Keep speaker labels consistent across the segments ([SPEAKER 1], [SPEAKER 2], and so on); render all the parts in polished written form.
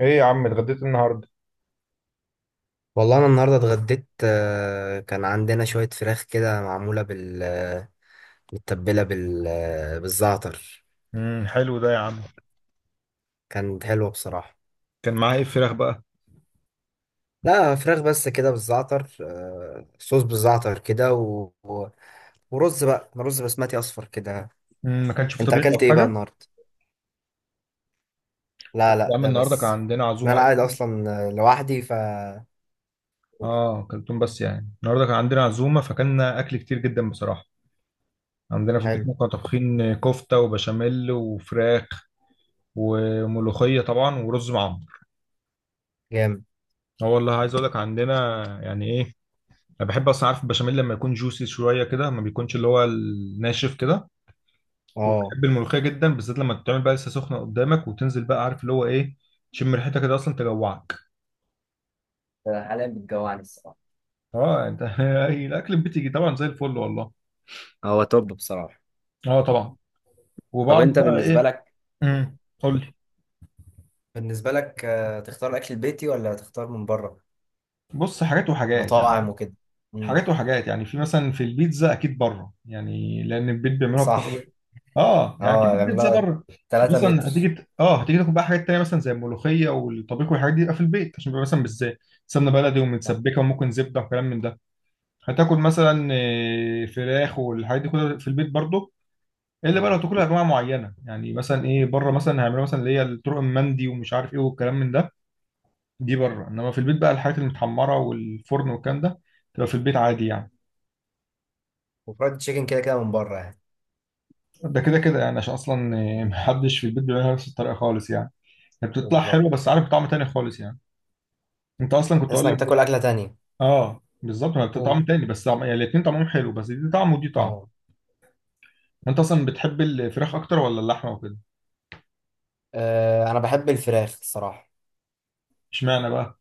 [SPEAKER 1] ايه يا عم، اتغديت النهارده؟
[SPEAKER 2] والله انا النهارده اتغديت، كان عندنا شويه فراخ كده معموله بال آه، متبله بالزعتر.
[SPEAKER 1] حلو ده يا عم.
[SPEAKER 2] كانت حلوه بصراحه.
[SPEAKER 1] كان معاه ايه الفراخ بقى؟
[SPEAKER 2] لا، فراخ بس كده بالزعتر، صوص بالزعتر كده ورز بقى، رز بسمتي اصفر كده.
[SPEAKER 1] ما كانش في
[SPEAKER 2] انت
[SPEAKER 1] طبيخ
[SPEAKER 2] اكلت
[SPEAKER 1] او
[SPEAKER 2] ايه بقى
[SPEAKER 1] حاجه؟
[SPEAKER 2] النهارده؟
[SPEAKER 1] بس
[SPEAKER 2] لا
[SPEAKER 1] يا
[SPEAKER 2] لا،
[SPEAKER 1] عم،
[SPEAKER 2] ده
[SPEAKER 1] النهارده كان
[SPEAKER 2] بس.
[SPEAKER 1] عندنا
[SPEAKER 2] إن
[SPEAKER 1] عزومه
[SPEAKER 2] انا قاعد
[SPEAKER 1] اصلا.
[SPEAKER 2] اصلا، لوحدي ف
[SPEAKER 1] اه كلتهم، بس يعني النهارده كان عندنا عزومه فكلنا اكل كتير جدا بصراحه. عندنا في البيت
[SPEAKER 2] حلو.
[SPEAKER 1] كنا طابخين كفته وبشاميل وفراخ وملوخيه طبعا ورز معمر.
[SPEAKER 2] جامد.
[SPEAKER 1] اه والله عايز اقول لك، عندنا... يعني ايه. انا بحب اصلا، عارف، البشاميل لما يكون جوسي شويه كده، ما بيكونش اللي هو الناشف كده.
[SPEAKER 2] اه.
[SPEAKER 1] وبحب الملوخيه جدا، بالذات لما تتعمل بقى لسه سخنه قدامك وتنزل بقى، عارف اللي هو ايه. تشم ريحتها كده اصلا تجوعك.
[SPEAKER 2] حاليا بتجوعني الصراحة.
[SPEAKER 1] اه انت أي الاكل بتيجي طبعا زي الفل والله.
[SPEAKER 2] هو توب بصراحه.
[SPEAKER 1] اه طبعا.
[SPEAKER 2] طب
[SPEAKER 1] وبعرف
[SPEAKER 2] انت
[SPEAKER 1] بقى
[SPEAKER 2] بالنسبة
[SPEAKER 1] ايه.
[SPEAKER 2] لك،
[SPEAKER 1] قول لي.
[SPEAKER 2] بالنسبة لك، تختار الأكل البيتي ولا تختار من بره؟
[SPEAKER 1] بص، حاجات وحاجات يعني.
[SPEAKER 2] مطاعم وكده. مم.
[SPEAKER 1] حاجات وحاجات يعني، في مثلا، في البيتزا اكيد بره يعني، لان البيت بيعملوها بطريقه.
[SPEAKER 2] صح.
[SPEAKER 1] اه يعني اكيد
[SPEAKER 2] اه
[SPEAKER 1] البيتزا
[SPEAKER 2] يعملها
[SPEAKER 1] بره.
[SPEAKER 2] 3
[SPEAKER 1] مثلا
[SPEAKER 2] متر.
[SPEAKER 1] هتيجي هتيجي تاكل بقى حاجات تانية، مثلا زي الملوخيه والطبيخ والحاجات دي، يبقى في البيت عشان بيبقى مثلا بالذات سمنه بلدي
[SPEAKER 2] صح.
[SPEAKER 1] ومتسبكه وممكن زبده وكلام من ده. هتاكل مثلا فراخ والحاجات دي كلها في البيت برضه. الا بقى لو
[SPEAKER 2] مم.
[SPEAKER 1] تاكلها انواع معينه، يعني مثلا ايه، بره مثلا هيعملوا مثلا اللي هي الطرق المندي ومش عارف ايه والكلام من ده. دي بره، انما في البيت بقى الحاجات المتحمره والفرن والكلام ده تبقى في البيت عادي يعني.
[SPEAKER 2] وفرايد تشيكن كده كده من بره يعني.
[SPEAKER 1] ده كده كده يعني، عشان اصلا محدش في البيت بيعملها نفس الطريقه خالص يعني. هي بتطلع
[SPEAKER 2] بالظبط.
[SPEAKER 1] حلوه بس عارف طعم تاني خالص يعني. انت اصلا كنت
[SPEAKER 2] تحس
[SPEAKER 1] اقول
[SPEAKER 2] انك
[SPEAKER 1] لك.
[SPEAKER 2] بتاكل أكلة تانية.
[SPEAKER 1] اه بالظبط، هي بتطعم
[SPEAKER 2] قول.
[SPEAKER 1] تاني، بس طعم يعني، الاتنين طعمهم حلو بس دي طعم ودي طعم.
[SPEAKER 2] اه.
[SPEAKER 1] انت اصلا بتحب الفراخ اكتر ولا اللحمه وكده؟
[SPEAKER 2] انا بحب الفراخ الصراحة.
[SPEAKER 1] اشمعنى بقى؟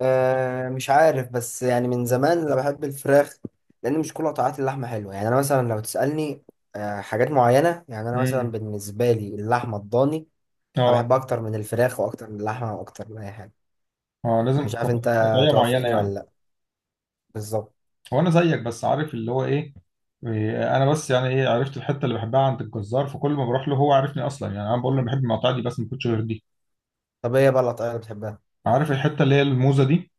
[SPEAKER 2] أه مش عارف، بس يعني من زمان انا بحب الفراخ. لان مش كل قطعات اللحمه حلوه يعني، انا مثلا لو تسالني أه حاجات معينه، يعني انا مثلا
[SPEAKER 1] مم.
[SPEAKER 2] بالنسبه لي اللحمه الضاني، انا
[SPEAKER 1] اه.
[SPEAKER 2] بحبها اكتر من الفراخ واكتر من اللحمه واكتر من اي حاجه.
[SPEAKER 1] اه لازم.
[SPEAKER 2] مش عارف انت،
[SPEAKER 1] قطعية معينة
[SPEAKER 2] توافقني ولا
[SPEAKER 1] يعني.
[SPEAKER 2] لا. بالظبط.
[SPEAKER 1] هو انا زيك، بس عارف اللي هو ايه. إيه، انا بس يعني ايه، عرفت الحتة اللي بحبها عند الجزار، فكل ما بروح له هو عارفني اصلا، يعني انا بقول له أنا بحب المقاطع دي بس، ما كنتش غير دي.
[SPEAKER 2] طب ايه بقى القطعية اللي بتحبها؟
[SPEAKER 1] عارف الحتة اللي هي الموزة دي.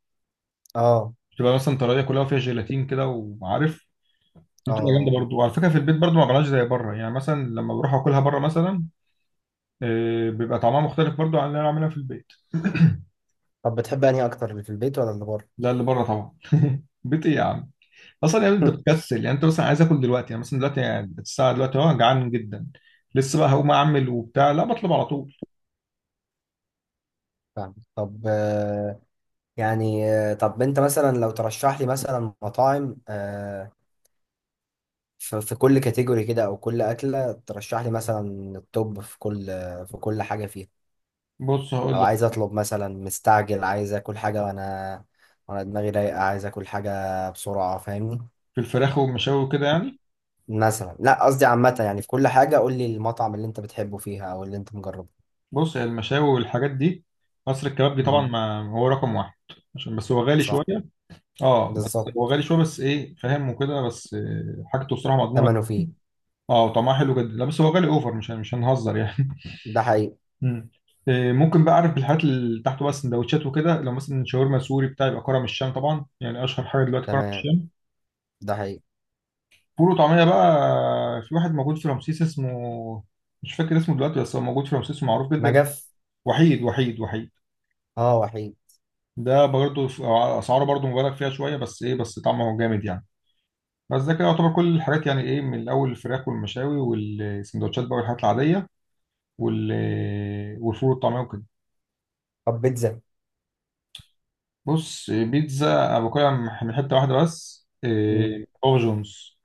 [SPEAKER 2] اه.
[SPEAKER 1] بتبقى مثلا طرية كلها وفيها جيلاتين كده، وعارف. دي بتبقى جامدة
[SPEAKER 2] اه.
[SPEAKER 1] برضو، وعلى فكرة في البيت برضو ما بعملهاش زي بره، يعني مثلا لما بروح اكلها بره مثلا. إيه بيبقى طعمها مختلف برضو عن اللي انا عاملها في البيت.
[SPEAKER 2] طب بتحب انهي اكتر، اللي في البيت ولا اللي بره؟
[SPEAKER 1] لا، اللي بره طبعا. بيت ايه يا عم؟ اصلا يعني انت بتكسل، يعني انت مثلا عايز اكل دلوقتي، يعني مثلا دلوقتي، يعني الساعه دلوقتي جعان جدا. لسه بقى هقوم اعمل وبتاع؟ لا، بطلب على طول.
[SPEAKER 2] فاهم. طب، يعني، طب انت مثلا لو ترشح لي مثلا مطاعم، في كل كاتيجوري كده او كل اكله ترشح لي مثلا التوب، في كل، في كل حاجه فيها.
[SPEAKER 1] بص هقول
[SPEAKER 2] لو
[SPEAKER 1] لك.
[SPEAKER 2] عايز اطلب مثلا مستعجل، عايز اكل حاجه وانا، وانا دماغي رايقه، عايز اكل حاجه بسرعه، فاهمني.
[SPEAKER 1] في الفراخ والمشاوي وكده يعني.
[SPEAKER 2] مثلا لا، قصدي عامة يعني، في كل حاجة قول لي المطعم اللي انت بتحبه فيها او اللي انت مجربه.
[SPEAKER 1] بص، هي المشاوي والحاجات دي، مصر الكبابجي طبعا،
[SPEAKER 2] مم.
[SPEAKER 1] ما هو رقم واحد. عشان بس هو غالي شويه.
[SPEAKER 2] صح.
[SPEAKER 1] اه بس
[SPEAKER 2] بالظبط.
[SPEAKER 1] هو غالي شويه، بس ايه فاهم وكده، بس حاجته بصراحه مضمونه.
[SPEAKER 2] ثمنه فيه.
[SPEAKER 1] اه وطعمها حلو جدا. لا بس هو غالي اوفر، مش هنهزر يعني.
[SPEAKER 2] ده حقيقي.
[SPEAKER 1] مم. إيه، ممكن بقى اعرف بالحاجات اللي تحته بقى، السندوتشات وكده. لو مثلا شاورما سوري بتاع، يبقى كرم الشام طبعا، يعني اشهر حاجه دلوقتي كرم
[SPEAKER 2] تمام.
[SPEAKER 1] الشام.
[SPEAKER 2] ده حقيقي.
[SPEAKER 1] فول وطعميه بقى. في واحد موجود في رمسيس اسمه... مش فاكر اسمه دلوقتي، بس هو موجود في رمسيس ومعروف جدا.
[SPEAKER 2] نجف.
[SPEAKER 1] وحيد، وحيد، وحيد.
[SPEAKER 2] اه وحيد.
[SPEAKER 1] ده برضه في... اسعاره برضه مبالغ فيها شويه، بس ايه، بس طعمه جامد يعني. بس ده كده يعتبر كل الحاجات، يعني ايه، من الاول الفراخ والمشاوي والسندوتشات بقى والحاجات العاديه، وال... والفول والطعميه وكده.
[SPEAKER 2] طب بيتزا؟
[SPEAKER 1] بص بيتزا أنا باكلها من حتة واحدة بس،
[SPEAKER 2] مم.
[SPEAKER 1] إيه، بابا جونز.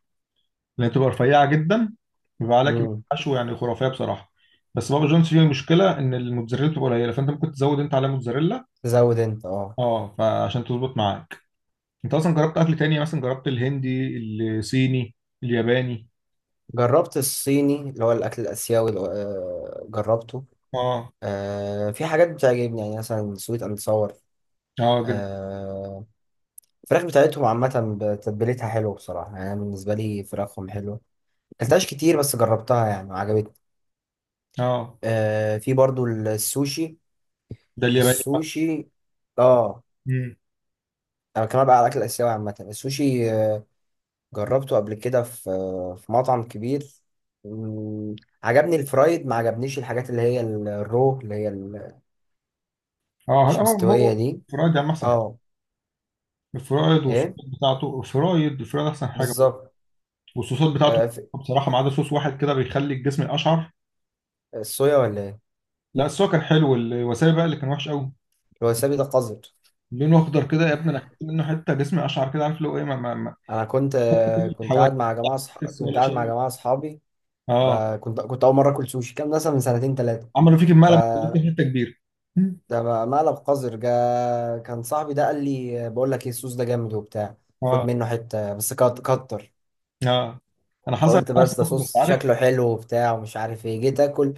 [SPEAKER 1] لأن بتبقى رفيعة جدا. بيبقى عليك
[SPEAKER 2] مم.
[SPEAKER 1] حشو، يعني خرافية بصراحة. بس بابا جونز فيه مشكلة، إن الموتزاريلا بتبقى قليلة، فأنت ممكن تزود أنت عليها موتزاريلا.
[SPEAKER 2] تزود انت اه.
[SPEAKER 1] أه فعشان تظبط معاك. أنت أصلا جربت أكل تاني؟ مثلا جربت الهندي؟ الصيني؟ الياباني؟
[SPEAKER 2] جربت الصيني اللي هو الاكل الاسيوي اللي هو- آه جربته.
[SPEAKER 1] أه.
[SPEAKER 2] آه، في حاجات بتعجبني، يعني مثلا سويت اند صور.
[SPEAKER 1] أه جدا.
[SPEAKER 2] آه. الفراخ بتاعتهم عامة بتتبيلتها حلو بصراحة، يعني أنا بالنسبة لي فراخهم حلوة. مكلتهاش كتير بس جربتها يعني وعجبتني.
[SPEAKER 1] أه
[SPEAKER 2] آه في برضو السوشي.
[SPEAKER 1] ده الياباني بقى.
[SPEAKER 2] السوشي. اه.
[SPEAKER 1] مم.
[SPEAKER 2] انا كمان بقى على الاكل الاسيوي عامه، السوشي، جربته قبل كده في، في مطعم كبير. مم. عجبني الفرايد، ما عجبنيش الحاجات اللي هي الرو
[SPEAKER 1] أه هلا،
[SPEAKER 2] مش
[SPEAKER 1] هو...
[SPEAKER 2] مستويه دي.
[SPEAKER 1] فرايد يا عم، أحسن حاجة.
[SPEAKER 2] اه.
[SPEAKER 1] الفرايد والصوص
[SPEAKER 2] ايه.
[SPEAKER 1] بتاعته. الفرايد الفرايد أحسن حاجة.
[SPEAKER 2] بالظبط.
[SPEAKER 1] والصوصات بتاعته.
[SPEAKER 2] آه في.
[SPEAKER 1] بصراحه ما عدا صوص واحد كده بيخلي الجسم اشعر.
[SPEAKER 2] الصويا ولا ايه؟
[SPEAKER 1] لا، السوا كان حلو، الوسابي بقى اللي كان وحش قوي.
[SPEAKER 2] الوسابي ده قذر.
[SPEAKER 1] لونه اخضر كده يا ابني، انا اكلت منه حته، جسمي اشعر كده، عارف اللي هو ايه، ما
[SPEAKER 2] انا كنت
[SPEAKER 1] حط
[SPEAKER 2] آه،
[SPEAKER 1] كل
[SPEAKER 2] كنت قاعد
[SPEAKER 1] الحواجز.
[SPEAKER 2] مع جماعه، صح،
[SPEAKER 1] تحس
[SPEAKER 2] كنت
[SPEAKER 1] ولا
[SPEAKER 2] قاعد مع
[SPEAKER 1] شيء.
[SPEAKER 2] جماعه اصحابي،
[SPEAKER 1] اه.
[SPEAKER 2] فكنت اول مره اكل سوشي، كان مثلا من 2 سنين، 3.
[SPEAKER 1] عملوا فيك المقلب، خليك حته كبيره.
[SPEAKER 2] ده مقلب قذر جا. كان صاحبي ده قال لي، بقول لك ايه، الصوص ده جامد وبتاع. خد
[SPEAKER 1] اه.
[SPEAKER 2] منه حته بس كتر.
[SPEAKER 1] اه، انا حصل
[SPEAKER 2] فقلت
[SPEAKER 1] نفس
[SPEAKER 2] بس ده
[SPEAKER 1] الموقف، بس
[SPEAKER 2] صوص
[SPEAKER 1] عارف.
[SPEAKER 2] شكله حلو وبتاع ومش عارف ايه، جيت اكل،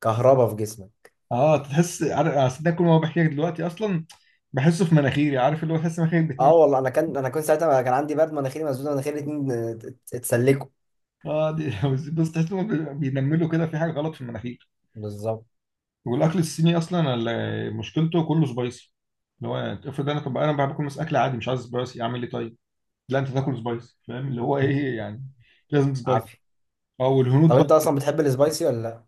[SPEAKER 2] كهربا في جسمي.
[SPEAKER 1] اه تحس، عارف، أنا أصل ده كل ما بحكي لك دلوقتي اصلا، بحسه في مناخيري، عارف اللي هو، تحس مناخيرك بتنم.
[SPEAKER 2] اه والله، انا كان، انا كنت ساعتها كان عندي برد، مناخيري مسدود، مناخيري الاتنين اتسلكوا.
[SPEAKER 1] اه دي بس تحس إنه بينملوا كده، في حاجه غلط في المناخير.
[SPEAKER 2] بالظبط.
[SPEAKER 1] والاكل الصيني اصلا، مشكلته كله سبايسي. اللي هو... افرض انا، طب انا باكل مثلا اكل عادي مش عايز سبايسي، اعمل ايه طيب؟ لا انت تاكل سبايسي، فاهم اللي هو ايه يعني. لازم سبايسي.
[SPEAKER 2] عافيه.
[SPEAKER 1] اه
[SPEAKER 2] طب
[SPEAKER 1] والهنود بقى.
[SPEAKER 2] انت اصلا بتحب السبايسي ولا لا؟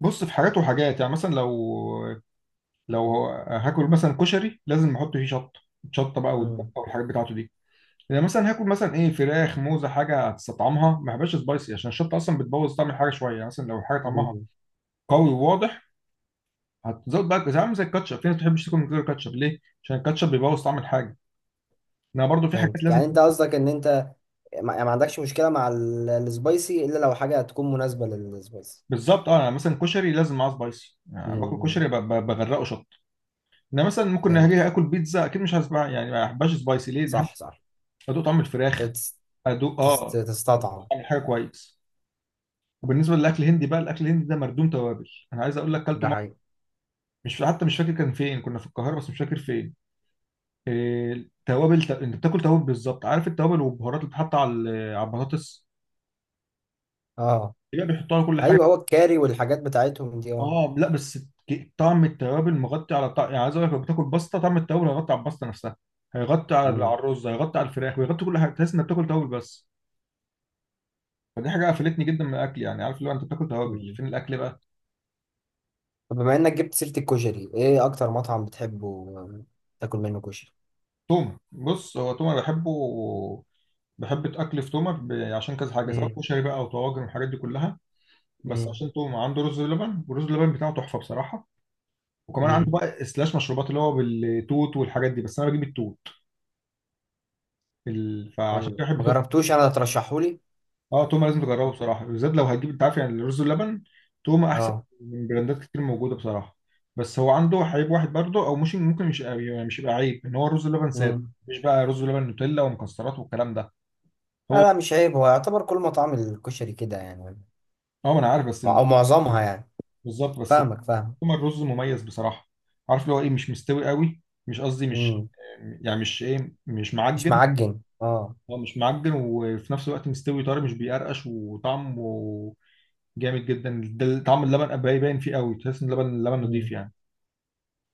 [SPEAKER 1] بص، في حاجات وحاجات يعني، مثلا لو هاكل مثلا كشري لازم احط فيه شطه. شطه بقى والدقه
[SPEAKER 2] امم.
[SPEAKER 1] والحاجات بتاعته دي. يعني مثلا هاكل مثلا ايه، فراخ موزه، حاجه هتستطعمها، ما بحبش سبايسي عشان الشطه اصلا بتبوظ طعم الحاجه شويه، يعني مثلا لو حاجه طعمها
[SPEAKER 2] مم.
[SPEAKER 1] قوي وواضح، هتزود بقى، زي عامل زي الكاتشب، في ناس ما بتحبش تاكل من غير كاتشب، ليه؟ عشان الكاتشب بيبوظ طعم الحاجه. انا برضو في حاجات
[SPEAKER 2] فهمتك
[SPEAKER 1] لازم.
[SPEAKER 2] يعني، انت قصدك ان انت، ما يعني ما عندكش مشكله مع السبايسي الا لو حاجه تكون مناسبه للسبايسي.
[SPEAKER 1] بالظبط، اه انا مثلا كشري لازم معاه سبايسي، يعني باكل
[SPEAKER 2] امم.
[SPEAKER 1] كشري بغرقه شطه. انا مثلا ممكن
[SPEAKER 2] فهمت.
[SPEAKER 1] اجي اكل بيتزا، اكيد مش هسبع يعني، ما بحبهاش سبايسي، ليه؟ بحب
[SPEAKER 2] صح صح.
[SPEAKER 1] ادوق طعم الفراخ.
[SPEAKER 2] تت-
[SPEAKER 1] ادوق اه
[SPEAKER 2] تستطعم.
[SPEAKER 1] طعم الحاجه كويس. وبالنسبه للاكل الهندي بقى، الاكل الهندي ده مردوم توابل، انا عايز اقول لك كلته
[SPEAKER 2] ده
[SPEAKER 1] مرة...
[SPEAKER 2] حقيقي.
[SPEAKER 1] مش، حتى مش فاكر كان فين، كنا في القاهره بس مش فاكر فين. إيه توابل انت بتاكل توابل بالظبط، عارف التوابل والبهارات اللي بتتحط على على البطاطس.
[SPEAKER 2] اه
[SPEAKER 1] يبقى بيحطوها على كل حاجه.
[SPEAKER 2] ايوه، هو الكاري والحاجات بتاعتهم دي اه.
[SPEAKER 1] اه لا بس طعم التوابل مغطي على طعم، يعني عايز اقول لك، لو بتاكل باستا طعم التوابل هيغطي على الباستا نفسها، هيغطي على
[SPEAKER 2] مم.
[SPEAKER 1] الرز، هيغطي على الفراخ، ويغطي كل حاجه، تحس انك بتاكل توابل بس. فدي حاجه قفلتني جدا من الاكل يعني، عارف اللي هو، انت بتاكل توابل،
[SPEAKER 2] مم.
[SPEAKER 1] فين الاكل بقى؟
[SPEAKER 2] طب بما انك جبت سيرة الكشري، ايه اكتر مطعم بتحبه، تاكل منه كشري؟
[SPEAKER 1] تومه. بص هو تومه بحبه. بحب الاكل في تومه عشان كذا حاجه، سواء
[SPEAKER 2] امم.
[SPEAKER 1] كشري بقى او طواجن والحاجات دي كلها. بس
[SPEAKER 2] امم.
[SPEAKER 1] عشان تومه عنده رز بلبن، والرز بلبن بتاعه تحفه بصراحه. وكمان عنده
[SPEAKER 2] امم.
[SPEAKER 1] بقى سلاش مشروبات اللي هو بالتوت والحاجات دي، بس انا بجيب التوت. فعشان
[SPEAKER 2] حلو،
[SPEAKER 1] كده بحب
[SPEAKER 2] ما
[SPEAKER 1] تومه.
[SPEAKER 2] جربتوش انا، ترشحولي.
[SPEAKER 1] اه توما لازم تجربه بصراحه، بالذات لو هتجيب، انت عارف يعني الرز واللبن، توما احسن
[SPEAKER 2] اه.
[SPEAKER 1] من براندات كتير موجوده بصراحه. بس هو عنده عيب واحد برضه، او مش ممكن مش يعني، مش يبقى عيب، ان هو الرز واللبن ساده.
[SPEAKER 2] امم.
[SPEAKER 1] مش بقى رز ولبن نوتيلا ومكسرات والكلام ده.
[SPEAKER 2] لا
[SPEAKER 1] هو...
[SPEAKER 2] لا، مش عيب، هو يعتبر كل مطاعم الكشري كده يعني،
[SPEAKER 1] اه ما انا عارف، بس
[SPEAKER 2] او معظمها يعني.
[SPEAKER 1] بالظبط بس.
[SPEAKER 2] فاهمك، فاهم.
[SPEAKER 1] توما الرز مميز بصراحه، عارف اللي هو ايه، مش مستوي قوي، مش قصدي، مش
[SPEAKER 2] امم.
[SPEAKER 1] يعني، مش ايه، مش
[SPEAKER 2] مش
[SPEAKER 1] معجن.
[SPEAKER 2] معجن اه.
[SPEAKER 1] هو مش معجن وفي نفس الوقت مستوي طري، مش بيقرقش، وطعمه جامد جدا. ده طعم اللبن باين فيه قوي، تحس ان اللبن نضيف يعني.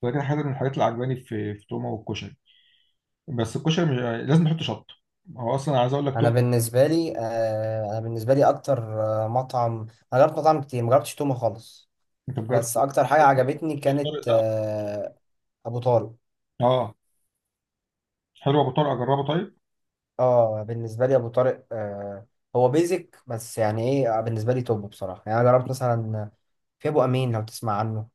[SPEAKER 1] ولكن حاجه من الحاجات اللي عجباني في تومه، والكشري. بس الكشري مش... لازم نحط شطه. هو اصلا عايز اقول لك
[SPEAKER 2] انا
[SPEAKER 1] تومه.
[SPEAKER 2] بالنسبه لي، انا بالنسبه لي اكتر، مطعم، انا جربت مطاعم كتير، ما جربتش تومه خالص،
[SPEAKER 1] انت مجرد
[SPEAKER 2] بس اكتر حاجه عجبتني
[SPEAKER 1] الطارق
[SPEAKER 2] كانت
[SPEAKER 1] ده؟
[SPEAKER 2] آه، ابو طارق.
[SPEAKER 1] اه. حلو، ابو طارق اجربه طيب.
[SPEAKER 2] اه بالنسبه لي ابو طارق آه، هو بيزك بس يعني ايه، بالنسبه لي توب بصراحه، يعني انا جربت مثلا، في ابو امين لو تسمع عنه.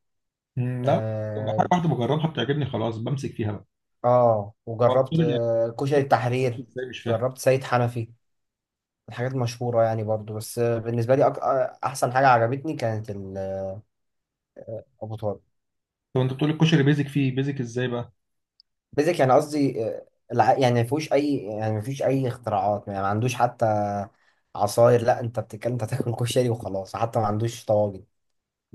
[SPEAKER 1] مم، لا. طب حاجه
[SPEAKER 2] اه.
[SPEAKER 1] واحده بجربها بتعجبني خلاص، بمسك فيها بقى.
[SPEAKER 2] آه
[SPEAKER 1] هو أبو
[SPEAKER 2] وجربت
[SPEAKER 1] طارق يعني؟
[SPEAKER 2] آه كشري التحرير،
[SPEAKER 1] ازاي مش فاهم.
[SPEAKER 2] جربت سيد حنفي، الحاجات المشهوره يعني برضو، بس آه بالنسبه لي أك... آه، احسن حاجه عجبتني كانت ابو طارق.
[SPEAKER 1] طب انت بتقول الكشري بيزك فيه، بيزك ازاي بقى؟
[SPEAKER 2] بيزك يعني قصدي، يعني ما فيهوش اي، يعني ما فيش اي اختراعات، يعني ما عندوش حتى عصاير، لا انت بتتكلم، انت تاكل كشري وخلاص، حتى ما عندوش طواجن.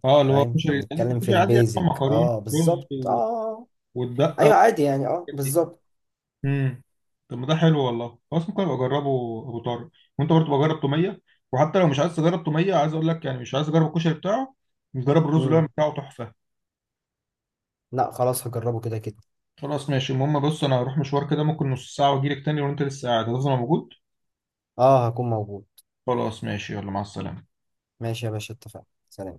[SPEAKER 1] اه، اللي هو
[SPEAKER 2] فاهم، احنا
[SPEAKER 1] الكشري عندك
[SPEAKER 2] بنتكلم في
[SPEAKER 1] الكشري عادي يعني،
[SPEAKER 2] البيزك
[SPEAKER 1] مكرونه
[SPEAKER 2] اه
[SPEAKER 1] ورز
[SPEAKER 2] بالظبط
[SPEAKER 1] و...
[SPEAKER 2] اه.
[SPEAKER 1] والدقه
[SPEAKER 2] ايوه عادي يعني اه
[SPEAKER 1] والحاجات دي.
[SPEAKER 2] بالظبط.
[SPEAKER 1] امم طب ما ده حلو والله، خلاص ممكن ابقى اجربه، ابو طارق. وانت برضه بجرب توميه، وحتى لو مش عايز تجرب توميه، عايز اقول لك يعني، مش عايز اجرب الكشري بتاعه، نجرب الرز اللي هو
[SPEAKER 2] امم.
[SPEAKER 1] بتاعه تحفه.
[SPEAKER 2] لا خلاص، هجربه كده كده.
[SPEAKER 1] خلاص ماشي، المهم بص انا هروح مشوار كده ممكن نص ساعه واجيلك تاني، وانت لسه قاعد، هتفضل موجود؟
[SPEAKER 2] اه هكون موجود.
[SPEAKER 1] خلاص ماشي، يلا مع السلامه.
[SPEAKER 2] ماشي يا باشا، اتفقنا، سلام.